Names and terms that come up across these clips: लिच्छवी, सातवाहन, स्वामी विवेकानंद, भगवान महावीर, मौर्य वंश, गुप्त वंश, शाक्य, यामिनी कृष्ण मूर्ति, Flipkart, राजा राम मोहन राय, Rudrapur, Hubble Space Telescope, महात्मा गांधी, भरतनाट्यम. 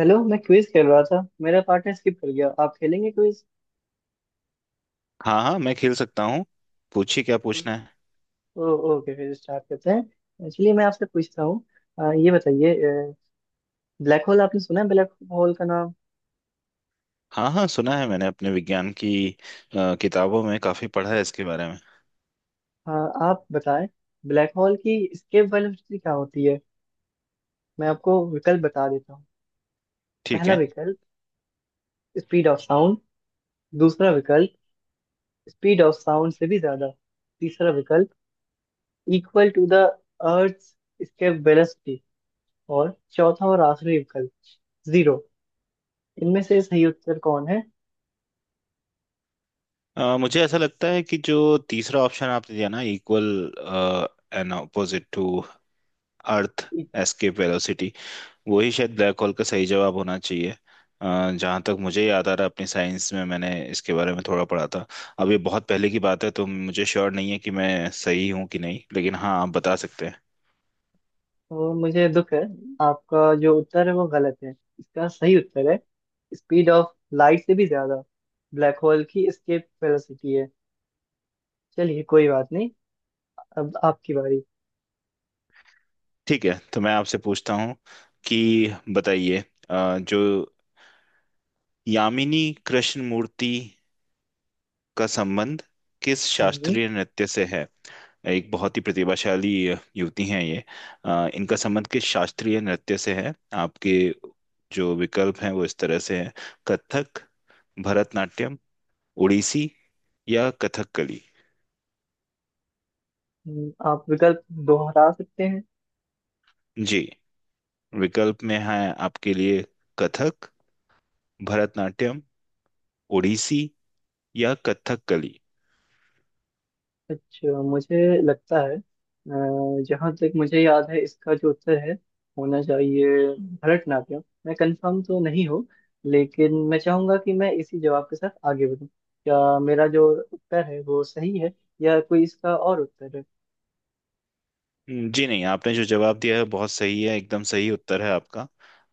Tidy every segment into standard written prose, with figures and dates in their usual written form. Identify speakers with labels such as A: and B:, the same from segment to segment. A: Hello मैं quiz खेल रहा था। मेरा पार्टनर स्किप कर गया। आप खेलेंगे क्विज?
B: हाँ हाँ मैं खेल सकता हूँ। पूछिए क्या पूछना है।
A: ओके फिर स्टार्ट करते हैं। एक्चुअली मैं आपसे पूछता हूँ। ये बताइए। ब्लैक होल, आपने सुना है ब्लैक होल का नाम?
B: हाँ हाँ सुना है मैंने अपने विज्ञान की किताबों में काफी पढ़ा है इसके बारे में।
A: आप बताएं ब्लैक होल की एस्केप वेलोसिटी क्या होती है। मैं आपको विकल्प बता देता हूँ।
B: ठीक
A: पहला
B: है।
A: विकल्प स्पीड ऑफ साउंड। दूसरा विकल्प स्पीड ऑफ साउंड से भी ज्यादा। तीसरा विकल्प equal to the earth escape velocity. और चौथा और आखिरी विकल्प जीरो। इनमें से सही उत्तर कौन है?
B: मुझे ऐसा लगता है कि जो तीसरा ऑप्शन आपने दिया ना, equal and opposite to earth
A: इ-
B: एस्केप वेलोसिटी, वही शायद ब्लैक होल का सही जवाब होना चाहिए। जहाँ तक मुझे याद आ रहा है अपनी साइंस में मैंने इसके बारे में थोड़ा पढ़ा था। अब ये बहुत पहले की बात है, तो मुझे श्योर नहीं है कि मैं सही हूँ कि नहीं, लेकिन हाँ आप बता सकते हैं।
A: तो मुझे दुख है। आपका जो उत्तर है वो गलत है। इसका सही उत्तर है स्पीड ऑफ लाइट से भी ज्यादा ब्लैक होल की एस्केप वेलोसिटी है। चलिए कोई बात नहीं। अब आपकी बारी।
B: ठीक है, तो मैं आपसे पूछता हूँ कि बताइए, जो यामिनी कृष्ण मूर्ति का संबंध किस
A: हम्म।
B: शास्त्रीय नृत्य से है। एक बहुत ही प्रतिभाशाली युवती हैं ये। इनका संबंध किस शास्त्रीय नृत्य से है? आपके जो विकल्प हैं वो इस तरह से हैं: कथक, भरतनाट्यम, ओडिसी या कथकली।
A: आप विकल्प दोहरा सकते हैं।
B: जी, विकल्प में है आपके लिए: कथक, भरतनाट्यम, ओडिसी या कथकली।
A: अच्छा मुझे लगता है, जहाँ तक मुझे याद है इसका जो उत्तर है होना चाहिए भरतनाट्यम। मैं कंफर्म तो नहीं हूँ लेकिन मैं चाहूंगा कि मैं इसी जवाब के साथ आगे बढ़ूँ। क्या मेरा जो उत्तर है वो सही है या कोई इसका और उत्तर है?
B: जी नहीं, आपने जो जवाब दिया है बहुत सही है, एकदम सही उत्तर है आपका,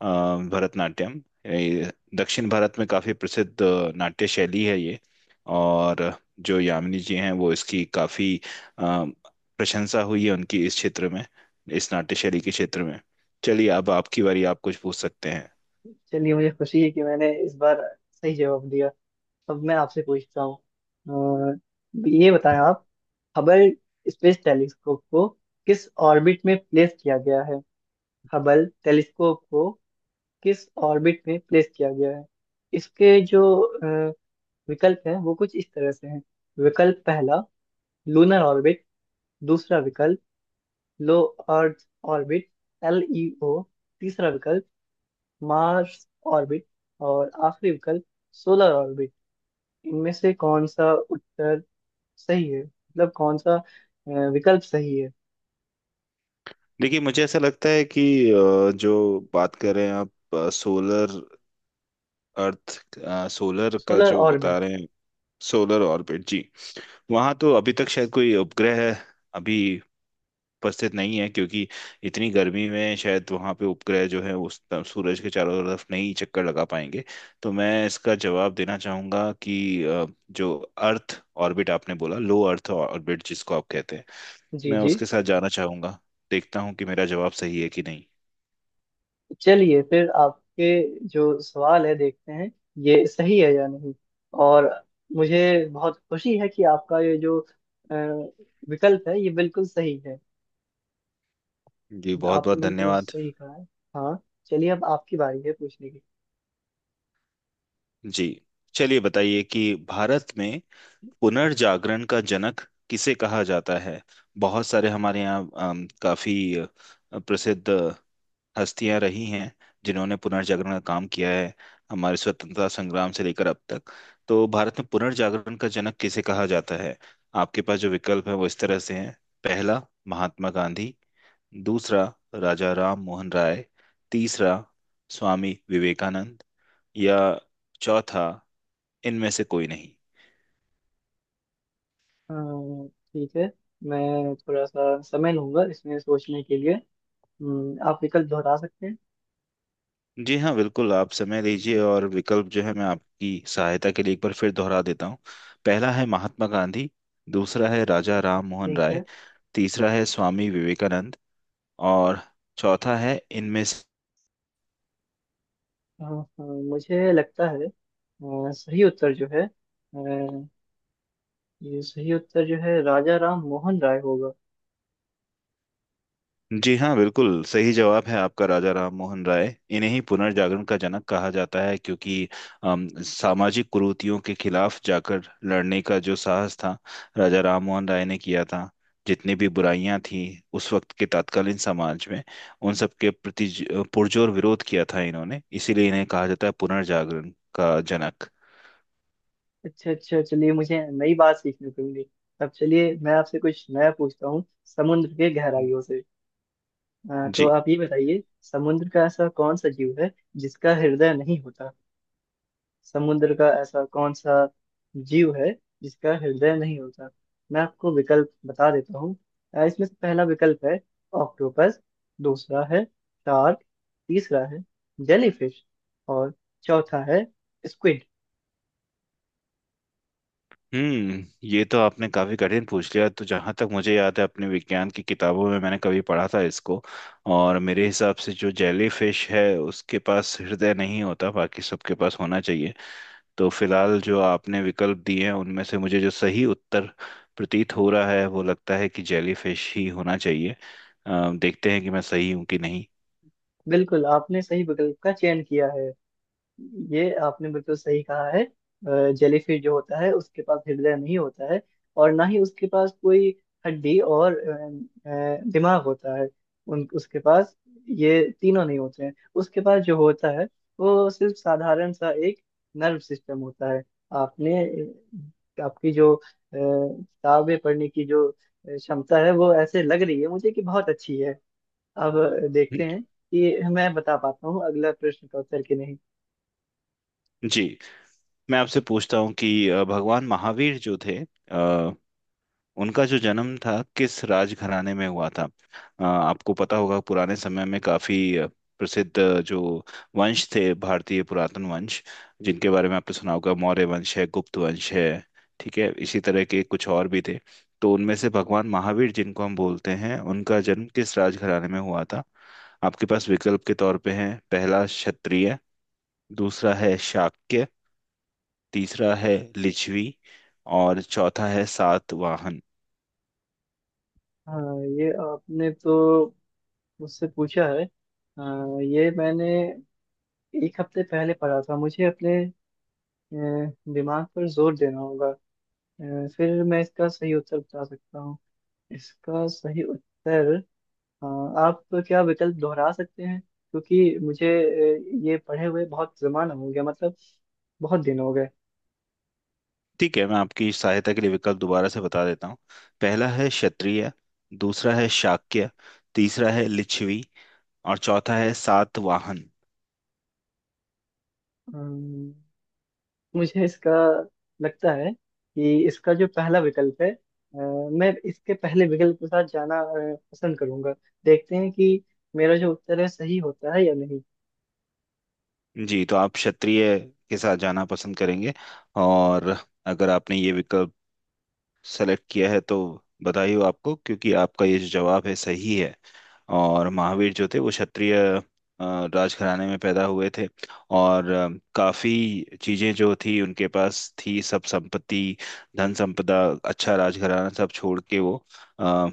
B: भरतनाट्यम। ये दक्षिण भारत में काफी प्रसिद्ध नाट्य शैली है ये। और जो यामिनी जी हैं वो इसकी काफी अ, प्रशंसा हुई है उनकी इस क्षेत्र में, इस नाट्य शैली के क्षेत्र में। चलिए, अब आपकी बारी, आप कुछ पूछ सकते हैं।
A: चलिए मुझे खुशी है कि मैंने इस बार सही जवाब दिया। अब मैं आपसे पूछता हूँ। अ, ये बताएं आप हबल स्पेस टेलीस्कोप को किस ऑर्बिट में प्लेस किया गया है। हबल टेलीस्कोप को किस ऑर्बिट में प्लेस किया गया है? इसके जो विकल्प हैं वो कुछ इस तरह से हैं। विकल्प पहला लूनर ऑर्बिट। दूसरा विकल्प low earth orbit, L E O. तीसरा विकल्प मार्स ऑर्बिट। और आखिरी विकल्प सोलर ऑर्बिट। इनमें से कौन सा उत्तर सही है, मतलब कौन सा विकल्प सही है?
B: देखिए, मुझे ऐसा लगता है कि जो बात कर रहे हैं आप, सोलर, अर्थ, सोलर का
A: सोलर
B: जो
A: ऑर्बिट।
B: बता रहे हैं। सोलर ऑर्बिट जी, वहां तो अभी तक शायद कोई उपग्रह अभी उपस्थित नहीं है, क्योंकि इतनी गर्मी में शायद वहां पे उपग्रह जो है उस तरफ सूरज के चारों तरफ नहीं चक्कर लगा पाएंगे। तो मैं इसका जवाब देना चाहूंगा कि जो अर्थ ऑर्बिट आपने बोला, लो अर्थ ऑर्बिट जिसको आप कहते हैं,
A: जी
B: मैं
A: जी।
B: उसके साथ जाना चाहूंगा। देखता हूँ कि मेरा जवाब सही है कि नहीं।
A: चलिए फिर आपके जो सवाल है देखते हैं ये सही है या नहीं। और मुझे बहुत खुशी है कि आपका ये जो अ, विकल्प है ये बिल्कुल सही है।
B: जी, बहुत
A: आपने
B: बहुत
A: बिल्कुल
B: धन्यवाद।
A: सही कहा है। हाँ। चलिए अब आपकी बारी है पूछने की।
B: जी, चलिए बताइए कि भारत में पुनर्जागरण का जनक किसे कहा जाता है। बहुत सारे हमारे यहाँ काफी प्रसिद्ध हस्तियां रही हैं, जिन्होंने पुनर्जागरण का काम किया है, हमारे स्वतंत्रता संग्राम से लेकर अब तक। तो भारत में पुनर्जागरण का जनक किसे कहा जाता है? आपके पास जो विकल्प है वो इस तरह से हैं: पहला, महात्मा गांधी; दूसरा, राजा राम मोहन राय; तीसरा, स्वामी विवेकानंद; या चौथा, इनमें से कोई नहीं।
A: ठीक है। मैं थोड़ा सा समय लूंगा इसमें सोचने के लिए। आप विकल्प दोहरा सकते हैं।
B: जी हाँ, बिल्कुल, आप समय लीजिए, और विकल्प जो है मैं आपकी सहायता के लिए एक बार फिर दोहरा देता हूँ। पहला है महात्मा गांधी, दूसरा है राजा राम मोहन
A: ठीक
B: राय,
A: है।
B: तीसरा है स्वामी विवेकानंद, और चौथा है इनमें।
A: मुझे लगता है, सही उत्तर जो है, ये सही उत्तर जो है राजा राम मोहन राय होगा।
B: जी हाँ, बिल्कुल सही जवाब है आपका, राजा राम मोहन राय, इन्हें ही पुनर्जागरण का जनक कहा जाता है, क्योंकि सामाजिक कुरीतियों के खिलाफ जाकर लड़ने का जो साहस था, राजा राम मोहन राय ने किया था। जितनी भी बुराइयां थी उस वक्त के तत्कालीन समाज में, उन सब के प्रति पुरजोर विरोध किया था इन्होंने, इसीलिए इन्हें कहा जाता है पुनर्जागरण का जनक।
A: अच्छा अच्छा चलिए मुझे नई बात सीखने को मिली। अब चलिए मैं आपसे कुछ नया पूछता हूँ समुद्र के गहराइयों से। तो
B: जी।
A: आप ये बताइए समुद्र का ऐसा कौन सा जीव है जिसका हृदय नहीं होता। समुद्र का ऐसा कौन सा जीव है जिसका हृदय नहीं होता? मैं आपको विकल्प बता देता हूँ। इसमें से पहला विकल्प है ऑक्टोपस। दूसरा है शार्क। तीसरा है जेलीफिश। और चौथा है स्क्विड।
B: हम्म ये तो आपने काफी कठिन पूछ लिया, तो जहां तक मुझे याद है अपने विज्ञान की किताबों में मैंने कभी पढ़ा था इसको, और मेरे हिसाब से जो जेली फिश है उसके पास हृदय नहीं होता, बाकी सबके पास होना चाहिए। तो फिलहाल जो आपने विकल्प दिए हैं उनमें से मुझे जो सही उत्तर प्रतीत हो रहा है, वो लगता है कि जेली फिश ही होना चाहिए। देखते हैं कि मैं सही हूँ कि नहीं।
A: बिल्कुल आपने सही विकल्प का चयन किया है। ये आपने बिल्कुल सही कहा है। जेलीफिश जो होता है उसके पास हृदय नहीं होता है, और ना ही उसके पास कोई हड्डी और दिमाग होता है। उन उसके पास ये तीनों नहीं होते हैं। उसके पास जो होता है वो सिर्फ साधारण सा एक नर्व सिस्टम होता है। आपने आपकी जो किताबें पढ़ने की जो क्षमता है वो ऐसे लग रही है मुझे कि बहुत अच्छी है। अब देखते हैं कि मैं बता पाता हूँ अगला प्रश्न का उत्तर कि नहीं।
B: जी, मैं आपसे पूछता हूँ कि भगवान महावीर जो थे, अ, उनका जो जन्म था किस राजघराने में हुआ था। आपको पता होगा पुराने समय में काफी प्रसिद्ध जो वंश थे, भारतीय पुरातन वंश जिनके बारे में आपने सुना होगा, मौर्य वंश है, गुप्त वंश है। ठीक है, इसी तरह के कुछ और भी थे। तो उनमें से भगवान महावीर जिनको हम बोलते हैं उनका जन्म किस राजघराने में हुआ था? आपके पास विकल्प के तौर पे हैं: पहला क्षत्रिय, दूसरा है शाक्य, तीसरा है लिच्छवी, और चौथा है सातवाहन।
A: हाँ ये आपने तो मुझसे पूछा है। हाँ, ये मैंने एक हफ्ते पहले पढ़ा था। मुझे अपने अ, दिमाग पर जोर देना होगा। फिर मैं इसका सही उत्तर बता सकता हूँ। इसका सही उत्तर। हाँ, आप क्या विकल्प दोहरा सकते हैं क्योंकि मुझे ये पढ़े हुए बहुत जमाना हो गया, मतलब बहुत दिन हो गए।
B: ठीक है, मैं आपकी सहायता के लिए विकल्प दोबारा से बता देता हूँ। पहला है क्षत्रिय, दूसरा है शाक्य, तीसरा है लिच्छवी, और चौथा है सातवाहन।
A: अम्म, मुझे इसका लगता है कि इसका जो पहला विकल्प है, मैं इसके पहले विकल्प के साथ जाना पसंद करूंगा। देखते हैं कि मेरा जो उत्तर है सही होता है या नहीं।
B: जी, तो आप क्षत्रिय के साथ जाना पसंद करेंगे, और अगर आपने ये विकल्प सेलेक्ट किया है, तो बधाई हो आपको, क्योंकि आपका ये जो जवाब है सही है। और महावीर जो थे वो क्षत्रिय अ, राजघराने में पैदा हुए थे, और काफी चीजें जो थी उनके पास थी, सब संपत्ति, धन संपदा, अच्छा राजघराना सब छोड़ के वो अ,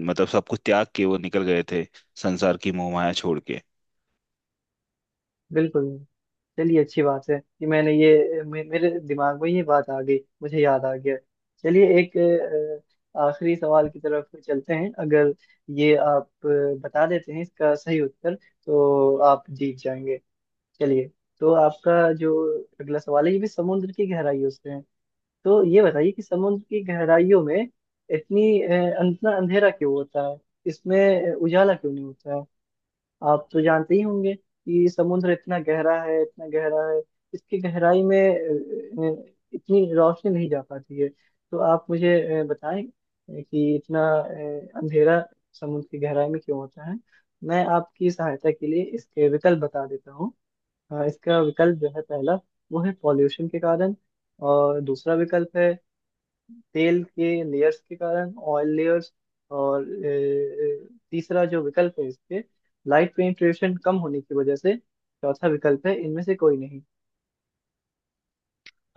B: मतलब सब कुछ त्याग के वो निकल गए थे, संसार की मोहमाया छोड़ के।
A: बिल्कुल नहीं। चलिए अच्छी बात है कि मैंने ये मेरे दिमाग में ये बात आ गई, मुझे याद आ गया। चलिए एक आखिरी सवाल की तरफ चलते हैं। अगर ये आप बता देते हैं इसका सही उत्तर तो आप जीत जाएंगे। चलिए तो आपका जो अगला सवाल है ये भी समुद्र की गहराइयों से है। तो ये बताइए कि समुद्र की गहराइयों में इतना अंधेरा क्यों होता है। इसमें उजाला क्यों नहीं होता है? आप तो जानते ही होंगे कि समुद्र इतना गहरा है, इतना गहरा है। इसकी गहराई में इतनी रोशनी नहीं जा पाती है। तो आप मुझे बताएं कि इतना अंधेरा समुद्र की गहराई में क्यों होता है। मैं आपकी सहायता के लिए इसके विकल्प बता देता हूँ। इसका विकल्प जो है पहला वो है पॉल्यूशन के कारण। और दूसरा विकल्प है तेल के लेयर्स के कारण, ऑयल लेयर्स। और तीसरा जो विकल्प है इसके लाइट पेनिट्रेशन कम होने की वजह से। चौथा विकल्प है इनमें से कोई नहीं।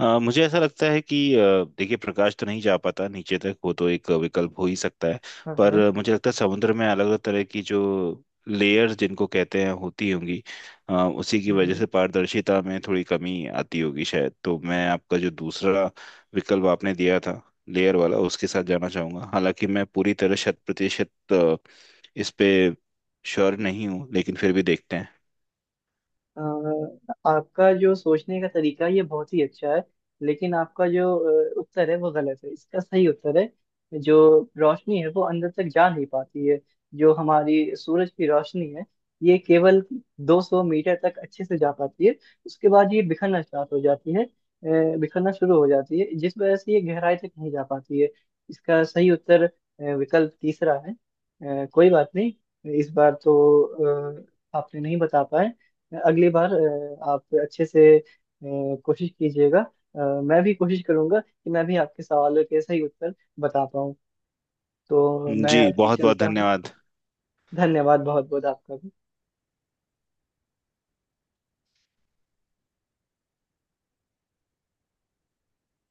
B: मुझे ऐसा लगता है कि देखिए प्रकाश तो नहीं जा पाता नीचे तक, वो तो एक विकल्प हो ही सकता है।
A: हाँ
B: पर
A: हाँ।
B: मुझे लगता है समुद्र में अलग अलग तरह की जो लेयर्स जिनको कहते हैं होती होंगी, उसी की वजह से पारदर्शिता में थोड़ी कमी आती होगी शायद। तो मैं आपका जो दूसरा विकल्प आपने दिया था, लेयर वाला, उसके साथ जाना चाहूंगा। हालांकि मैं पूरी तरह शत प्रतिशत इस पे श्योर नहीं हूँ, लेकिन फिर भी देखते हैं।
A: अ, आपका जो सोचने का तरीका है, ये बहुत ही अच्छा है। लेकिन आपका जो उत्तर है वो गलत है। इसका सही उत्तर है, जो रोशनी है वो अंदर तक जा नहीं पाती है। जो हमारी सूरज की रोशनी है ये केवल 200 मीटर तक अच्छे से जा पाती है। उसके बाद ये बिखरना स्टार्ट हो जाती है, बिखरना शुरू हो जाती है जिस वजह से ये गहराई तक नहीं जा पाती है। इसका सही उत्तर विकल्प तीसरा है। कोई बात नहीं। इस बार तो आपने नहीं बता पाए। अगली बार आप अच्छे से कोशिश कीजिएगा। मैं भी कोशिश करूंगा कि मैं भी आपके सवालों के सही उत्तर बता पाऊँ। तो मैं
B: जी,
A: अभी
B: बहुत बहुत
A: चलता हूँ।
B: धन्यवाद।
A: धन्यवाद बहुत बहुत आपका।